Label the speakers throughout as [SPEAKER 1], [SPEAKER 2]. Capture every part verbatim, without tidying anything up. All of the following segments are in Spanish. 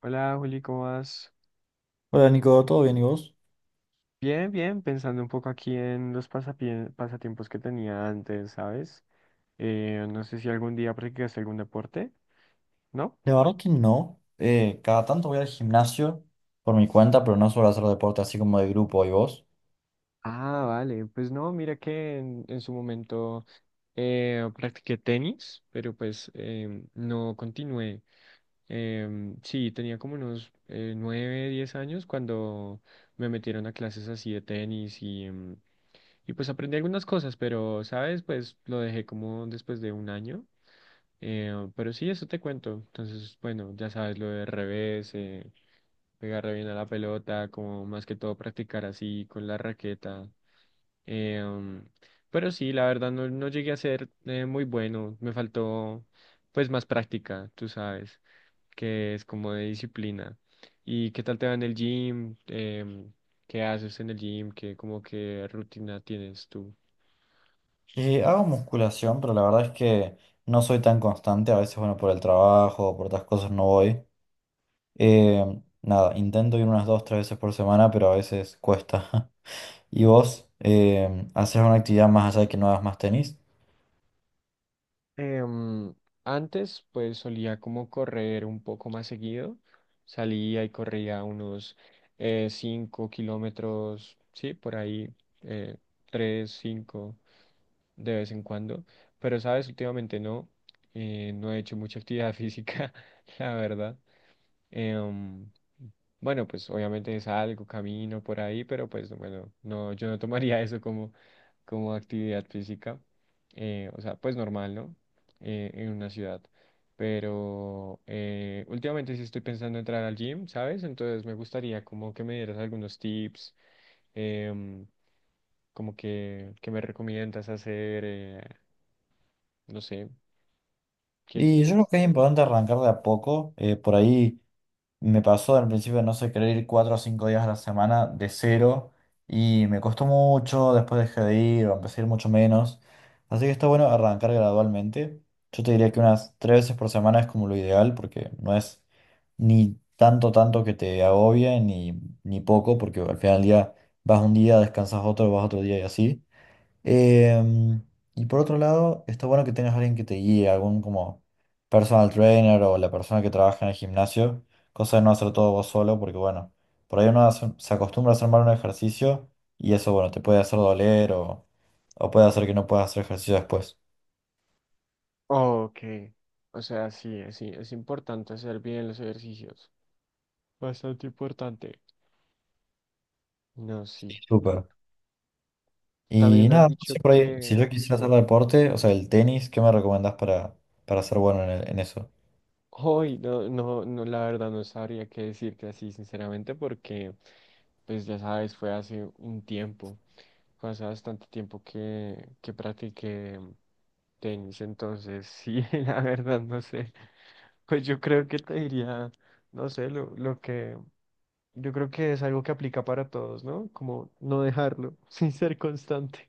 [SPEAKER 1] Hola Juli, ¿cómo vas?
[SPEAKER 2] Hola Nico, ¿todo bien y vos?
[SPEAKER 1] Bien, bien, pensando un poco aquí en los pasapie- pasatiempos que tenía antes, ¿sabes? Eh, no sé si algún día practicaste algún deporte, ¿no?
[SPEAKER 2] La verdad que no. Eh, cada tanto voy al gimnasio por mi cuenta, pero no suelo hacer deporte así como de grupo y vos.
[SPEAKER 1] Ah, vale. Pues no, mira que en, en su momento eh, practiqué tenis, pero pues em, no continué. Em, sí, tenía como unos eh, nueve, diez años cuando me metieron a clases así de tenis y, em, y pues aprendí algunas cosas, pero, ¿sabes? Pues lo dejé como después de un año. Eh, pero sí, eso te cuento. Entonces, bueno, ya sabes lo de revés, eh, pegarle bien a la pelota, como más que todo practicar así con la raqueta. Eh, um, pero sí, la verdad no, no llegué a ser eh, muy bueno. Me faltó pues más práctica, tú sabes, que es como de disciplina. ¿Y qué tal te va en el gym? Em, ¿qué haces en el gym? ¿Qué como que rutina tienes tú?
[SPEAKER 2] Eh, hago musculación, pero la verdad es que no soy tan constante. A veces, bueno, por el trabajo o por otras cosas no voy. Eh, nada, intento ir unas dos, tres veces por semana, pero a veces cuesta. ¿Y vos? Eh, ¿haces una actividad más allá de que no hagas más tenis?
[SPEAKER 1] Em, Antes, pues solía como correr un poco más seguido. Salía y corría unos eh, cinco kilómetros, sí, por ahí, eh, tres, cinco, de vez en cuando. Pero, sabes, últimamente no, eh, no he hecho mucha actividad física, la verdad. Em, bueno, pues obviamente salgo, camino por ahí, pero pues bueno, no, yo no tomaría eso como, como actividad física. Eh, o sea, pues normal, ¿no? Eh, en una ciudad. Pero eh, últimamente sí estoy pensando entrar al gym, ¿sabes? Entonces me gustaría como que me dieras algunos tips, em, como que, que me recomiendas hacer, eh, no sé, ¿qué
[SPEAKER 2] Y yo creo
[SPEAKER 1] crees?
[SPEAKER 2] que es importante arrancar de a poco. Eh, por ahí, me pasó al principio, no sé, querer ir cuatro o cinco días a la semana de cero y me costó mucho, después dejé de ir o empecé a ir mucho menos. Así que está bueno arrancar gradualmente. Yo te diría que unas tres veces por semana es como lo ideal porque no es ni tanto, tanto que te agobie ni, ni poco porque al final del día vas un día, descansas otro, vas otro día y así. Em, y por otro lado, está bueno que tengas alguien que te guíe, algún como personal trainer o la persona que trabaja en el gimnasio, cosa de no hacer todo vos solo, porque bueno, por ahí uno hace- se acostumbra a hacer mal un ejercicio y eso, bueno, te puede hacer doler o, o puede hacer que no puedas hacer ejercicio después.
[SPEAKER 1] Ok, o sea, sí, sí, es importante hacer bien los ejercicios. Bastante importante. No, sí, total.
[SPEAKER 2] Súper.
[SPEAKER 1] También
[SPEAKER 2] Y
[SPEAKER 1] me han
[SPEAKER 2] nada, no
[SPEAKER 1] dicho
[SPEAKER 2] sé por ahí, si
[SPEAKER 1] que
[SPEAKER 2] yo quisiera hacer deporte, o sea, el tenis, ¿qué me recomendás para, para ser bueno en, el- en eso?
[SPEAKER 1] hoy, no, no, no, la verdad no sabría qué decirte así, sinceramente, porque, pues ya sabes, fue hace un tiempo, fue hace bastante tiempo que, que practiqué tenis, entonces sí, la verdad no sé. Pues yo creo que te diría, no sé, lo, lo que, yo creo que es algo que aplica para todos, ¿no? Como no dejarlo, sin ser constante.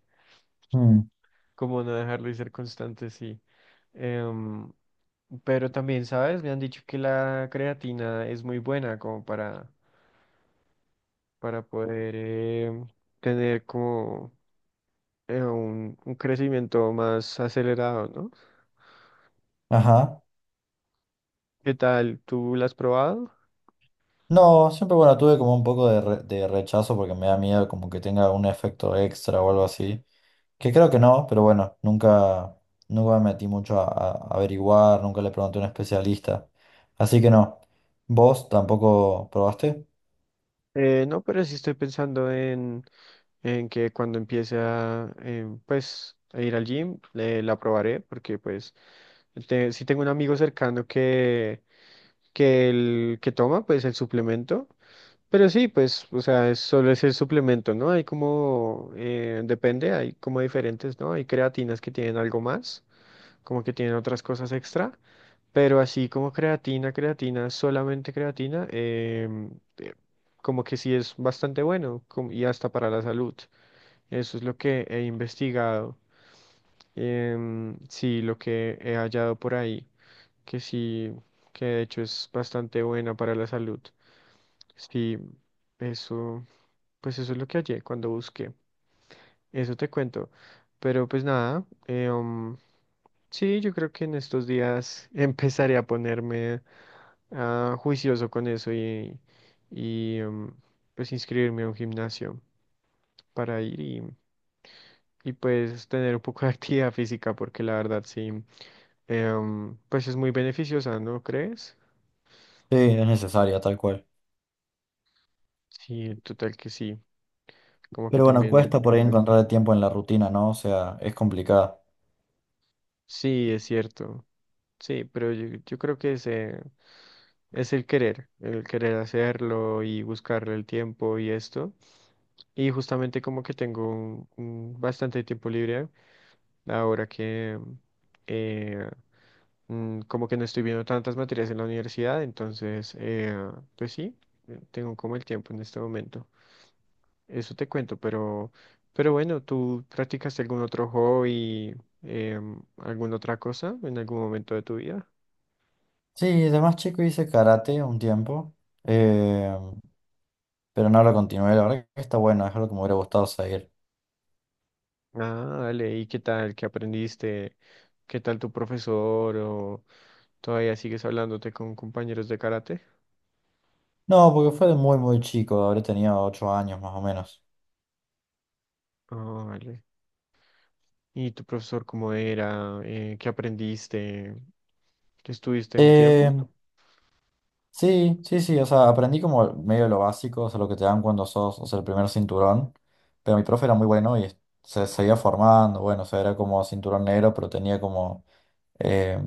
[SPEAKER 2] Mm.
[SPEAKER 1] Como no dejarlo y ser constante, sí. Em, pero también, ¿sabes? Me han dicho que la creatina es muy buena como para, para poder em, tener como eh, un, un crecimiento más acelerado, ¿no?
[SPEAKER 2] Ajá.
[SPEAKER 1] ¿Qué tal? ¿Tú la has probado?
[SPEAKER 2] No, siempre bueno, tuve como un poco de, re- de rechazo porque me da miedo como que tenga un efecto extra o algo así. Que creo que no, pero bueno, nunca, nunca me metí mucho a, a averiguar, nunca le pregunté a un especialista. Así que no. ¿Vos tampoco probaste?
[SPEAKER 1] Eh, no, pero sí estoy pensando en, en que cuando empiece a, em, pues, a ir al gym, eh, la probaré porque pues... Te- sí tengo un amigo cercano que, que el que toma, pues el suplemento. Pero sí, pues, o sea, es- solo es el suplemento, ¿no? Hay como, eh, depende, hay como diferentes, ¿no? Hay creatinas que tienen algo más, como que tienen otras cosas extra, pero así como creatina, creatina, solamente creatina, em, eh, como que sí es bastante bueno como- y hasta para la salud. Eso es lo que he investigado, em, sí, lo que he hallado por ahí, que sí, que de hecho es bastante buena para la salud. Sí, eso, pues eso es lo que hallé cuando busqué. Eso te cuento. Pero pues nada, eh, um, sí, yo creo que en estos días empezaré a ponerme ah, juicioso con eso y, y um, pues inscribirme a un gimnasio para ir y, y pues tener un poco de actividad física porque la verdad sí, eh, um, pues es muy beneficiosa, ¿no crees?
[SPEAKER 2] Sí, es necesaria, tal cual.
[SPEAKER 1] Sí, total que sí, como que
[SPEAKER 2] Pero bueno,
[SPEAKER 1] también me...
[SPEAKER 2] cuesta por ahí encontrar el tiempo en la rutina, ¿no? O sea, es complicada.
[SPEAKER 1] Sí, es cierto. Sí, pero yo, yo creo que ese Es el querer, el querer hacerlo y buscarle el tiempo y esto. Y justamente como que tengo un- un bastante tiempo libre ahora que eh, mm, como que no estoy viendo tantas materias en la universidad, entonces eh, pues sí, eh, tengo como el tiempo en este momento. Eso te cuento, pero, pero bueno, ¿tú practicaste algún otro hobby, em, alguna otra cosa en algún momento de tu vida?
[SPEAKER 2] Sí, de más chico hice karate un tiempo, eh, pero no lo continué. La verdad que está bueno, es algo que me hubiera gustado seguir.
[SPEAKER 1] Ah, dale, ¿y qué tal? ¿Qué aprendiste? ¿Qué tal tu profesor? ¿O todavía sigues hablándote con compañeros de karate?
[SPEAKER 2] No, porque fue de muy, muy chico, habré tenido ocho años más o menos.
[SPEAKER 1] Ah, vale. ¿Y tu profesor cómo era? Eh, ¿qué aprendiste? ¿Estuviste un
[SPEAKER 2] Eh,
[SPEAKER 1] tiempo?
[SPEAKER 2] sí, sí, sí, o sea, aprendí como medio lo básico, o sea, lo que te dan cuando sos, o sea, el primer cinturón, pero mi profe era muy bueno y se seguía formando, bueno, o sea, era como cinturón negro, pero tenía como eh,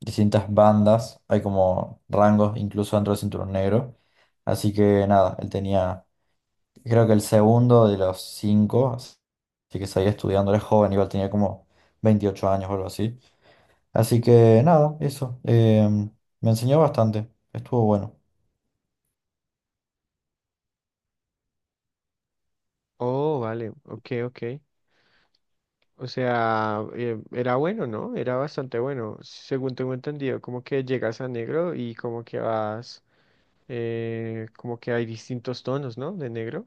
[SPEAKER 2] distintas bandas, hay como rangos incluso dentro del cinturón negro, así que nada, él tenía, creo que el segundo de los cinco, así que seguía estudiando, era joven, igual tenía como veintiocho años o algo así. Así que nada, eso. Eh, me enseñó bastante. Estuvo bueno.
[SPEAKER 1] Oh, vale, ok, ok. O sea, eh, era bueno, ¿no? Era bastante bueno. Según tengo entendido, como que llegas a negro y como que vas, eh, como que hay distintos tonos, ¿no? De negro.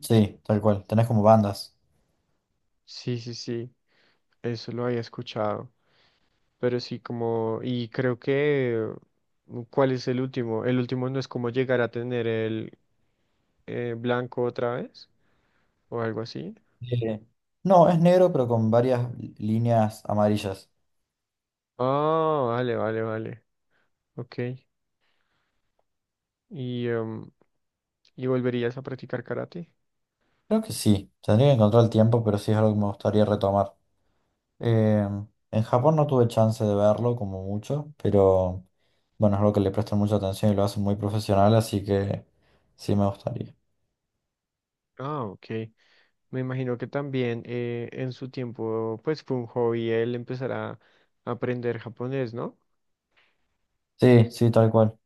[SPEAKER 2] Sí, tal cual. Tenés como bandas.
[SPEAKER 1] Sí, sí, sí, eso lo había escuchado. Pero sí, como, y creo que, mm, ¿cuál es el último? El último no es como llegar a tener el eh, blanco otra vez o algo así.
[SPEAKER 2] Eh, no, es negro, pero con varias líneas amarillas.
[SPEAKER 1] Ah, vale, vale, vale. Ok. ¿Y, em, ¿y volverías a practicar karate?
[SPEAKER 2] Creo que sí. Tendría que encontrar el tiempo, pero sí es algo que me gustaría retomar. Eh, en Japón no tuve chance de verlo como mucho, pero bueno, es algo que le prestan mucha atención y lo hacen muy profesional, así que sí me gustaría.
[SPEAKER 1] Ah, ok. Me imagino que también eh, en su tiempo, pues fue un hobby él empezar a aprender japonés, ¿no?
[SPEAKER 2] Sí, sí, tal cual.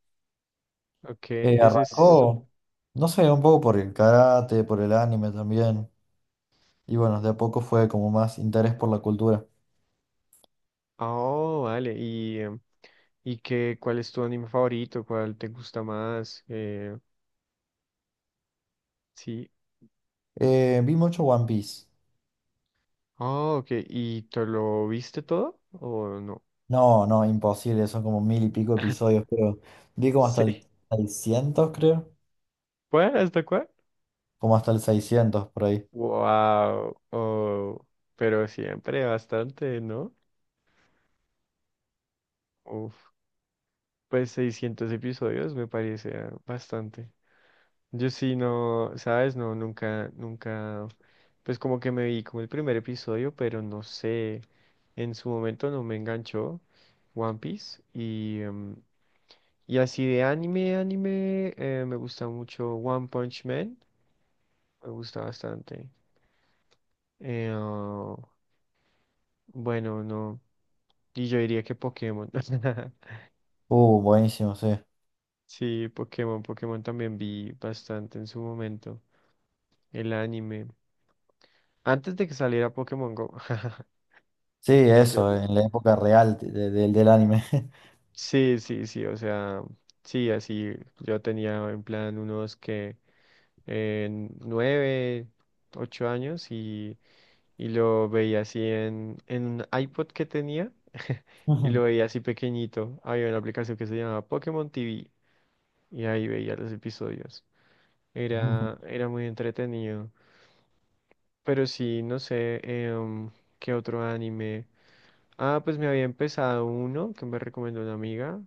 [SPEAKER 1] Ok,
[SPEAKER 2] Eh,
[SPEAKER 1] ese es...
[SPEAKER 2] arrancó, no sé, un poco por el karate, por el anime también. Y bueno, de a poco fue como más interés por la cultura.
[SPEAKER 1] Oh, vale. ¿Y, em, y qué, cuál es tu anime favorito? ¿Cuál te gusta más? Eh, Sí.
[SPEAKER 2] Eh, vi mucho One Piece.
[SPEAKER 1] Ah, ok. ¿Y te lo viste todo o no?
[SPEAKER 2] No, no, imposible, son como mil y pico episodios, pero vi como hasta el
[SPEAKER 1] Sí.
[SPEAKER 2] seiscientos, creo.
[SPEAKER 1] ¿Cuál? ¿Hasta cuál?
[SPEAKER 2] Como hasta el seiscientos por ahí.
[SPEAKER 1] Wow. Oh, pero siempre bastante, ¿no? Uf, pues seiscientos episodios me parece ah, bastante. Yo sí, no, ¿sabes? No, nunca, nunca, pues como que me vi como el primer episodio, pero no sé, en su momento no me enganchó One Piece y, em, y así de anime, anime, eh, me gusta mucho One Punch Man. Me gusta bastante. Eh, oh, bueno, no. Y yo diría que Pokémon.
[SPEAKER 2] Uh, buenísimo, sí.
[SPEAKER 1] Sí, Pokémon. Pokémon también vi bastante en su momento. El anime. Antes de que saliera Pokémon Go.
[SPEAKER 2] Sí,
[SPEAKER 1] Y
[SPEAKER 2] eso,
[SPEAKER 1] sol-
[SPEAKER 2] en la época real de- de- del anime.
[SPEAKER 1] Sí, sí, sí. O sea, sí, así. Yo tenía en plan unos que en nueve, ocho años y y lo veía así en, en un iPod que tenía y
[SPEAKER 2] Ujú,
[SPEAKER 1] lo veía así pequeñito. Había una aplicación que se llamaba Pokémon T V y ahí veía los episodios.
[SPEAKER 2] ujú.
[SPEAKER 1] Era, era muy entretenido. Pero sí, no sé, em, ¿qué otro anime? Ah, pues me había empezado uno que me recomendó una amiga,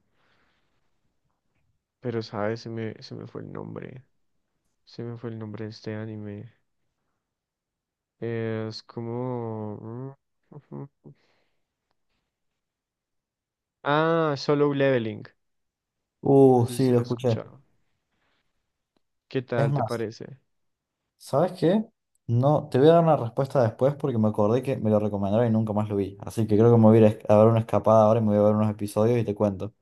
[SPEAKER 1] pero sabes, se me, se me fue el nombre. Se me fue el nombre de este anime. Es como... Ah, Solo Leveling. No
[SPEAKER 2] Uh,
[SPEAKER 1] sé
[SPEAKER 2] sí,
[SPEAKER 1] si lo
[SPEAKER 2] lo
[SPEAKER 1] he
[SPEAKER 2] escuché.
[SPEAKER 1] escuchado. ¿Qué
[SPEAKER 2] Es
[SPEAKER 1] tal te
[SPEAKER 2] más,
[SPEAKER 1] parece?
[SPEAKER 2] ¿sabes qué? No, te voy a dar una respuesta después porque me acordé que me lo recomendaron y nunca más lo vi. Así que creo que me voy a ir a es- a dar una escapada ahora y me voy a ver unos episodios y te cuento.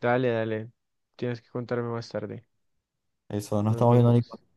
[SPEAKER 1] Dale, dale. Tienes que contarme más tarde.
[SPEAKER 2] Eso, no
[SPEAKER 1] Nos
[SPEAKER 2] estamos viendo,
[SPEAKER 1] vemos.
[SPEAKER 2] ni